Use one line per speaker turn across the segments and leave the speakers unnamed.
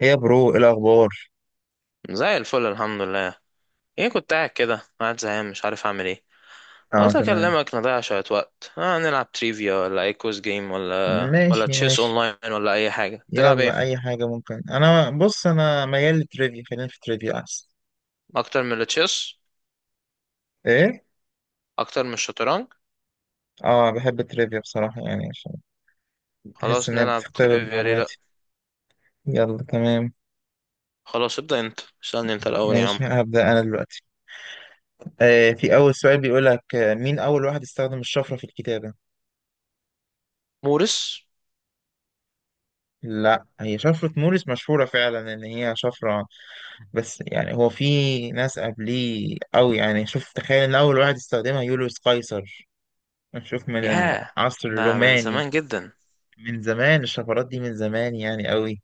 هي برو، إيه الأخبار؟
زي الفل الحمد لله. ايه، كنت قاعد كده زهقان، مش عارف اعمل ايه.
اه
قلت
تمام.
اكلمك نضيع شوية وقت. نلعب تريفيا ولا اي كوز جيم ولا
ماشي
تشيس
ماشي
اونلاين ولا اي حاجة. تلعب
يلا
ايه؟
أي حاجة ممكن. أنا بص، أنا ميال للتريفيا، خلينا في التريفيا أحسن.
اكتر من التشيس؟
إيه؟
اكتر من الشطرنج؟
اه بحب التريفيا بصراحة، يعني عشان بحس
خلاص
إن هي
نلعب
بتختبر
تريفيا، ليه لا.
معلوماتي. يلا تمام.
خلاص ابدأ انت، اسألني انت الاول يا عم.
ماشي هبدأ أنا دلوقتي. في أول سؤال بيقول لك، مين أول واحد استخدم الشفرة في الكتابة؟
مورس.
لا، هي شفرة موريس مشهورة فعلا إن هي شفرة، بس يعني هو في ناس قبليه أوي. يعني شوف، تخيل إن أول واحد استخدمها يوليوس قيصر. نشوف من
ياه،
العصر
ده من
الروماني،
زمان جدا.
من زمان. الشفرات دي من زمان يعني، قوي.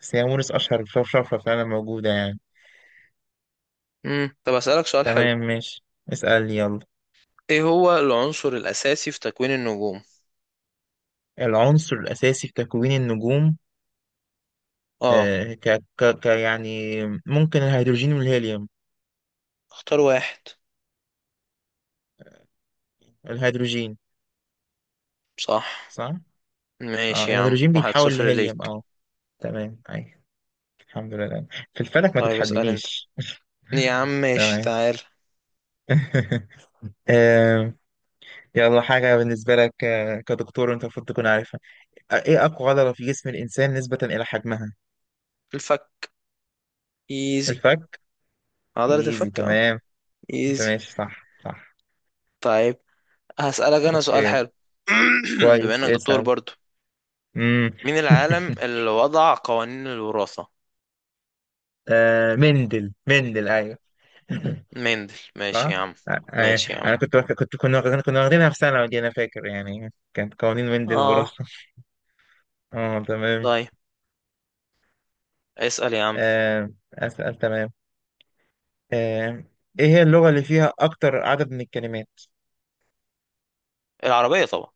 بس هي موريس أشهر شفرة فعلا موجودة يعني.
طب اسألك سؤال حلو.
تمام ماشي، اسأل يلا.
ايه هو العنصر الاساسي في تكوين النجوم؟
العنصر الأساسي في تكوين النجوم،
اه.
آه ك ك يعني، ممكن الهيدروجين والهيليوم.
اختار واحد.
الهيدروجين.
صح.
صح؟ اه
ماشي يا عم،
الهيدروجين
واحد
بيتحول
صفر
لهيليوم،
ليك.
اه تمام، أي الحمد لله. في الفلك ما
طيب اسأل انت
تتحدنيش.
يا عم، ماشي،
تمام.
تعال.
آه، يلا حاجة بالنسبة لك، كدكتور أنت المفروض تكون عارفها. ايه اقوى عضلة في جسم الانسان نسبة الى حجمها؟
الفك. ايزي.
الفك.
عضلة
ايزي
الفك، اه.
تمام. انت
ايزي.
ماشي، صح صح.
طيب هسألك انا سؤال
اوكي،
حلو. بما
كويس
انك دكتور
اسأل.
برضو،
امم
مين العالم اللي وضع قوانين الوراثة؟
مندل ايوه.
مندل. ماشي
صح.
يا عم،
آه، ايوه
ماشي يا عم.
انا كنت واخد- كنت كنا واخدين- كنا واخدينها في ثانوي دي، انا فاكر، يعني كانت قوانين مندل وراثة.
اه،
اه تمام.
طيب اسأل يا عم.
آه اسأل، تمام. آه، ايه هي اللغة اللي فيها اكتر عدد من الكلمات؟
العربية طبعا.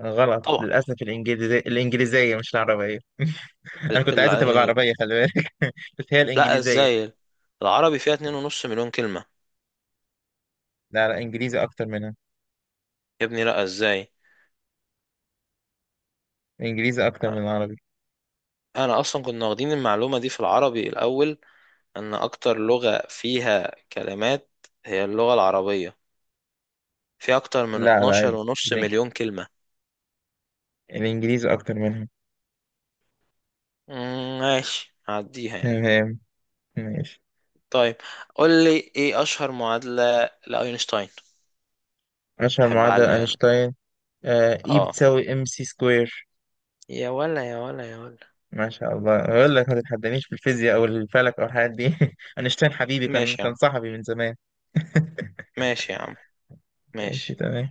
غلط
طبعا.
للأسف، الإنجليزية، الإنجليزية مش العربية. أنا
ال...
كنت
ال...
عايزة تبقى العربية، خلي بالك. بس هي
لا،
الإنجليزية.
ازاي؟ العربي فيها 2.5 مليون كلمة.
لا لا، إنجليزي أكتر منها.
يا ابني لا، ازاي؟
إنجليزي أكتر من العربي.
انا اصلا كنا واخدين المعلومة دي في العربي الاول، ان اكتر لغة فيها كلمات هي اللغة العربية، في اكتر من
لا،
12 ونص
الإن-
مليون كلمة.
الإنجليزي أكتر منها.
ماشي هعديها يعني.
تمام ماشي.
طيب قول لي، ايه اشهر معادلة لاينشتاين؟
أشهر
احب
معادلة
اعلي يعني.
أينشتاين، آه إي
اه،
بتساوي إم سي سكوير.
يا ولا يا ولا يا ولا.
ما شاء الله، أقول لك ما تتحدانيش في الفيزياء أو الفلك أو الحاجات دي. أينشتاين حبيبي، كان
ماشي يا
كان
عم،
صاحبي من زمان.
ماشي يا عم،
ماشي
ماشي.
تمام.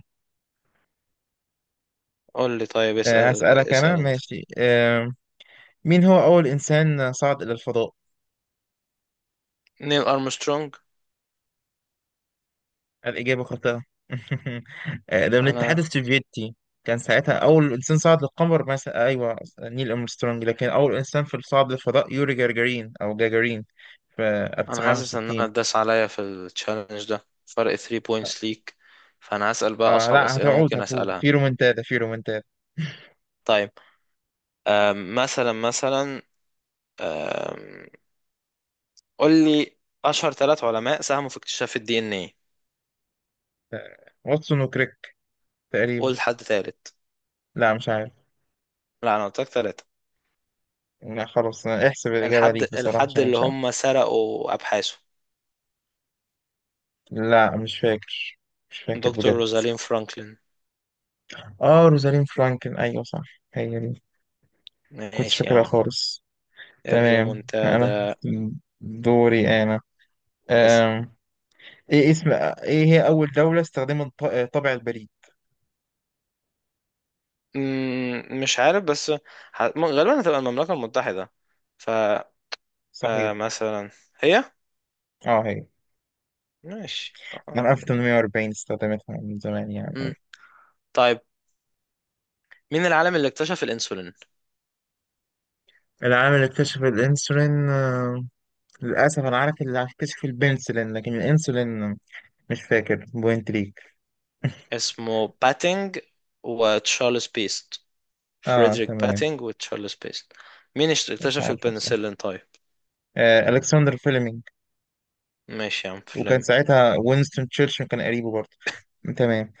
قول لي طيب،
آه
اسأل
هسألك أنا،
اسأل انت.
ماشي مين هو أول إنسان صعد إلى الفضاء؟
نيل ارمسترونج.
الإجابة خاطئة. آه، ده من الاتحاد
انا،
السوفيتي. كان ساعتها أول إنسان صعد للقمر مثلا، أيوه نيل أرمسترونج، لكن أول إنسان في صعد للفضاء يوري جاجارين أو جاجارين، في
انا حاسس ان انا
1961.
اتداس عليا في التشالنج ده، فرق 3 بوينتس ليك. فانا هسأل بقى
آه
اصعب
لا،
اسئلة
هتعود
ممكن
هتعود
اسألها.
في رومنتادا، في رومنتادا.
طيب، مثلا مثلا، أم، قول لي اشهر ثلاث علماء ساهموا في اكتشاف الدي ان ايه.
واتسون وكريك، تقريبا.
قول حد ثالث.
لا مش عارف.
لا انا قلت لك ثلاثه.
لا خلاص، احسب الإجابة ليك بصراحة
الحد
عشان أنا
اللي
مش عارف.
هم سرقوا ابحاثه.
لا مش فاكر، مش فاكر
دكتور
بجد.
روزالين فرانكلين.
آه روزالين فرانكل، أيوه صح، هي دي. كنتش
ماشي يا
فاكرها
عم.
خالص. تمام أنا
الريمونتادا.
دوري أنا.
اسم.
أم. إيه اسم، إيه هي أول دولة استخدمت طابع البريد؟
مش عارف، بس غالبا هتبقى المملكه المتحده. ف
صحيح،
مثلا، هي.
أه هي
ماشي،
من
حلو.
1840 استخدمتها، من زمان
مم.
يعني.
طيب، مين العالم اللي اكتشف الانسولين؟
العام اللي اكتشف الإنسولين، للأسف أنا عارف اللي اكتشف البنسلين لكن الإنسولين مش فاكر، بوينت ليك.
اسمه باتينج وتشارلز بيست.
اه
فريدريك
تمام.
باتينج وتشارلز بيست. مين
مش
اكتشف
عارفه بصراحه.
البنسلين طيب؟
آه، الكسندر فيلمينج.
ماشي يا عم
وكان
فلمي.
ساعتها وينستون تشرشل كان قريبه برضه. تمام،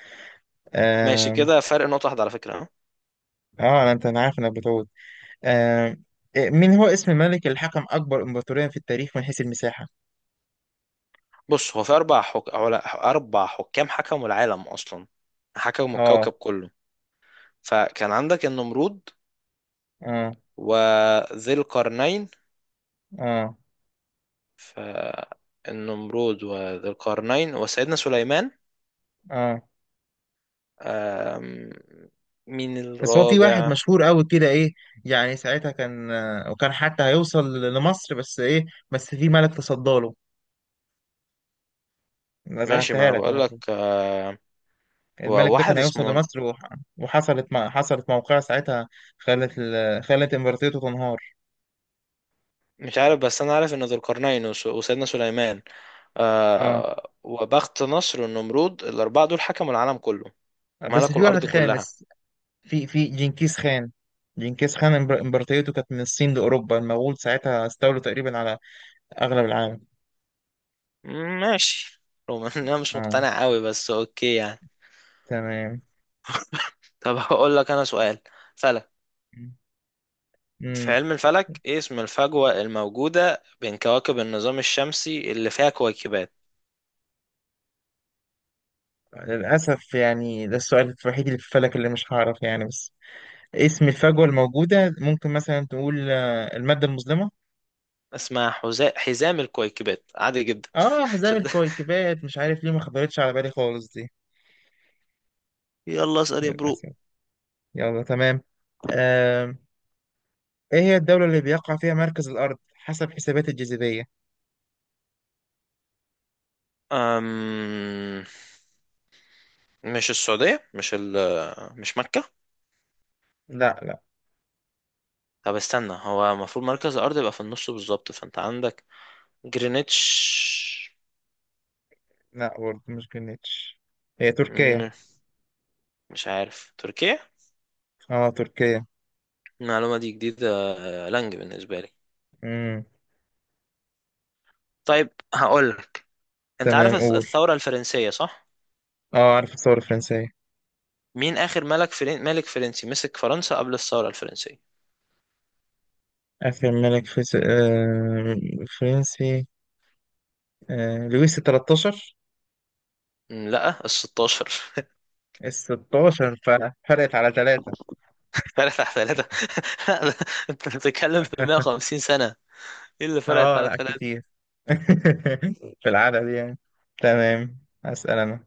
ماشي
اه.
كده، فرق نقطة واحدة على فكرة ها.
آه انا انت، انا عارف انك بتقول، آه من هو اسم ملك الحكم أكبر إمبراطورية في التاريخ من حيث المساحة؟
بص، هو في أربع حكام حكموا العالم أصلا، حكموا
آه.
الكوكب كله. فكان عندك النمرود،
آه.
وذي القرنين.
آه.
فالنمرود وذي القرنين وسيدنا سليمان.
آه.
آم، مين
بس هو في
الرابع؟
واحد مشهور قوي كده، إيه يعني ساعتها كان، آه، وكان حتى هيوصل لمصر بس، إيه بس في ملك تصداله، ما
ماشي ما
زعلتها
أنا
لك
بقول
المفروض.
لك.
الملك ده كان
وواحد
هيوصل
اسمه،
لمصر وحصلت حصلت موقعة ساعتها، خلت إمبراطوريته تنهار.
مش عارف، بس انا عارف ان ذو القرنين وسيدنا سليمان،
آه
آه، وبخت نصر والنمرود، الاربعه دول حكموا العالم كله،
بس
ملكوا
في واحد
الارض كلها.
خامس، في جنكيز خان. جنكيز خان امبراطوريته كانت من الصين لأوروبا، المغول ساعتها استولوا تقريبا على أغلب العالم.
ماشي، رغم ان انا مش
اه
مقتنع قوي بس اوكي يعني.
تمام.
طب هقول لك انا سؤال فلك. في
امم
علم الفلك، ايه اسم الفجوه الموجوده بين كواكب النظام الشمسي اللي فيها كويكبات؟
للأسف، يعني ده السؤال الوحيد اللي في الفلك اللي مش هعرف يعني، بس اسم الفجوة الموجودة، ممكن مثلا تقول آه، المادة المظلمة.
اسمها حزام الكويكبات، عادي جدا.
اه أحزاب الكويكبات، مش عارف ليه ما خبرتش على بالي خالص دي،
يلا اسأل يا برو.
للأسف. يلا تمام. آه. ايه هي الدولة اللي بيقع فيها مركز الأرض حسب حسابات الجاذبية؟
أم... مش السعودية؟ مش مكة؟
لا لا.
طب استنى، هو المفروض مركز الأرض يبقى في النص بالظبط، فأنت عندك جرينتش.
لا برضه مش جرينتش، هي تركيا.
مم، مش عارف تركيا،
اه تركيا.
المعلومة دي جديدة، لانج بالنسبة لي.
امم
طيب هقول. أنت عارف
تمام، قول.
الثورة الفرنسية صح؟
اه عارف الثورة الفرنسية.
مين آخر ملك فرنسي مسك فرنسا قبل الثورة الفرنسية؟
آخر فرنسي، آه، لويس التلتاشر.
مم، لا، ال 16.
الستاشر، فرق، فرقت على ثلاثة.
فرقت على ثلاثة. لا، ده- أنت بتتكلم في 150 سنة. إيه اللي فرقت
اه
على
لا
ثلاثة؟
كتير. في العدد يعني. تمام، أسأل أنا.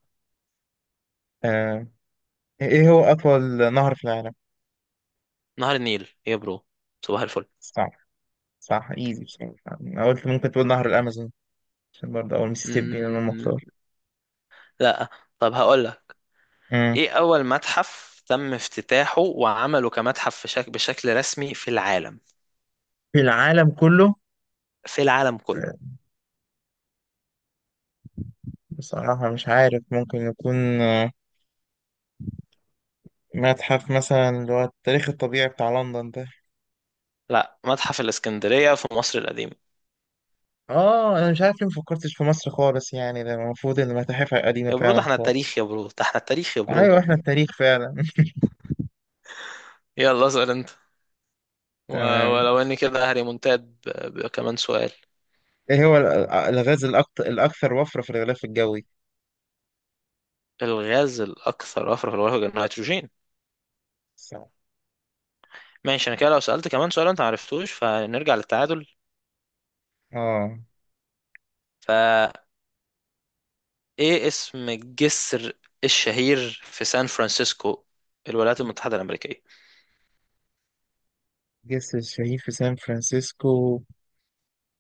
آه، ايه هو أطول نهر في العالم؟
نهر النيل يا برو، صباح
صح، صح ايزي بصراحة. أنا قلت ممكن تقول نهر الأمازون، عشان برضه أول ميسيسيبي أنا المختار.
الفل. لا. طب هقول لك،
مم.
ايه اول متحف تم افتتاحه وعمله كمتحف في بشكل رسمي في العالم؟
في العالم كله،
في العالم كله.
بصراحة مش عارف، ممكن يكون آه، متحف مثلا اللي هو التاريخ الطبيعي بتاع لندن ده.
لا، متحف الاسكندرية في مصر القديمة.
اه انا مش عارف ليه مفكرتش في مصر خالص، يعني ده المفروض ان متاحفها قديمة
يا برو ده
فعلا
احنا التاريخ،
خالص.
يا برو ده احنا التاريخ يا برو.
ايوه احنا التاريخ فعلا.
يلا اسأل انت. و...
تمام.
ولو اني كده هريمونتاد. ب... كمان سؤال.
ايه هو الغاز الاكثر وفرة في الغلاف الجوي؟
الغاز الاكثر وفرة في الغلاف، النيتروجين.
صح.
ماشي، انا كده لو سألت كمان سؤال انت معرفتوش فنرجع للتعادل.
اه
فايه اسم الجسر الشهير في سان فرانسيسكو، الولايات المتحدة الأمريكية؟
جسر الشهيد في سان فرانسيسكو،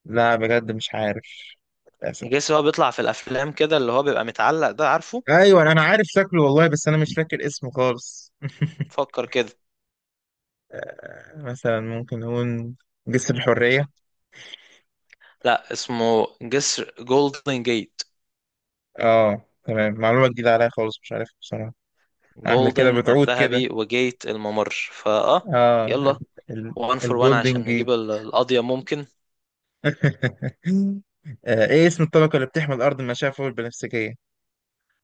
لا بجد مش عارف، للاسف.
جيسي، هو بيطلع في الافلام كده اللي هو بيبقى متعلق، ده عارفه.
ايوه انا عارف شكله والله، بس انا مش فاكر اسمه خالص.
فكر كده.
آه، مثلا ممكن نقول جسر الحرية.
لا اسمه جسر جولدن جيت.
اه تمام، معلومة جديدة عليا خالص، مش عارف بصراحة. آه، احنا كده
جولدن
بتعود كده.
الذهبي، وجيت الممر، فاه.
اه
يلا،
ال- ال-
وان فور وان
الجولدن
عشان
جيت.
نجيب القضية ممكن.
آه، ايه اسم الطبقة اللي بتحمي الأرض من المشعة فوق البنفسجية؟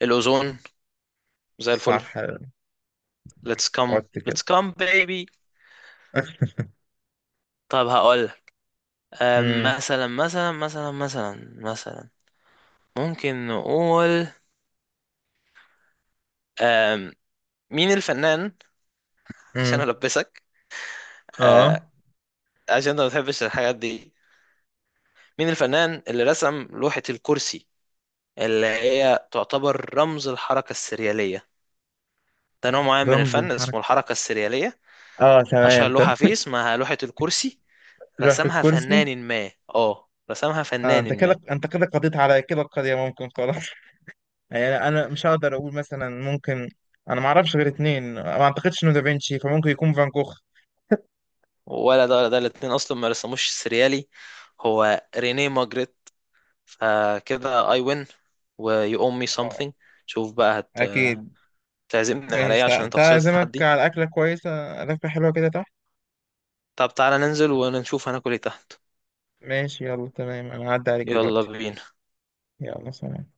الاوزون. زي الفل.
صح.
ليتس كام.
قلت كده.
ليتس كام بيبي. طب هقول،
امم
مثلا مثلا، ممكن نقول، أم، مين الفنان، عشان
امم
البسك، أه،
اه
عشان انت ما بتحبش الحاجات دي، مين الفنان اللي رسم لوحة الكرسي اللي هي تعتبر رمز الحركة السريالية؟ ده نوع معين من
رمز
الفن
الحركة،
اسمه الحركة السريالية،
اه
أشهر
تمام
لوحة
تمام.
فيه اسمها لوحة الكرسي.
رحت الكرسي.
رسمها
آه انت
فنان
كده
ما.
انت كده قضيت على كده، القضية ممكن خلاص. يعني انا مش هقدر اقول، مثلا ممكن، انا ما اعرفش غير اتنين، ما اعتقدش انه دافنشي، فممكن يكون فان جوخ.
ولا ده ولا ده، الاتنين أصلا ما رسموش السريالي، هو رينيه ماجريت. فكده I win، و you owe me
اه
something. شوف بقى،
اكيد.
هتعزمني على ايه
ماشي،
عشان انت
تعالى
خسرت
اعزمك
التحدي؟
على اكله كويسه، اكله حلوه كده تحت.
طب تعالى ننزل ونشوف هناكل ايه تحت.
ماشي يلا تمام، انا هعدي عليك
يلا
دلوقتي.
بينا.
يلا سلام.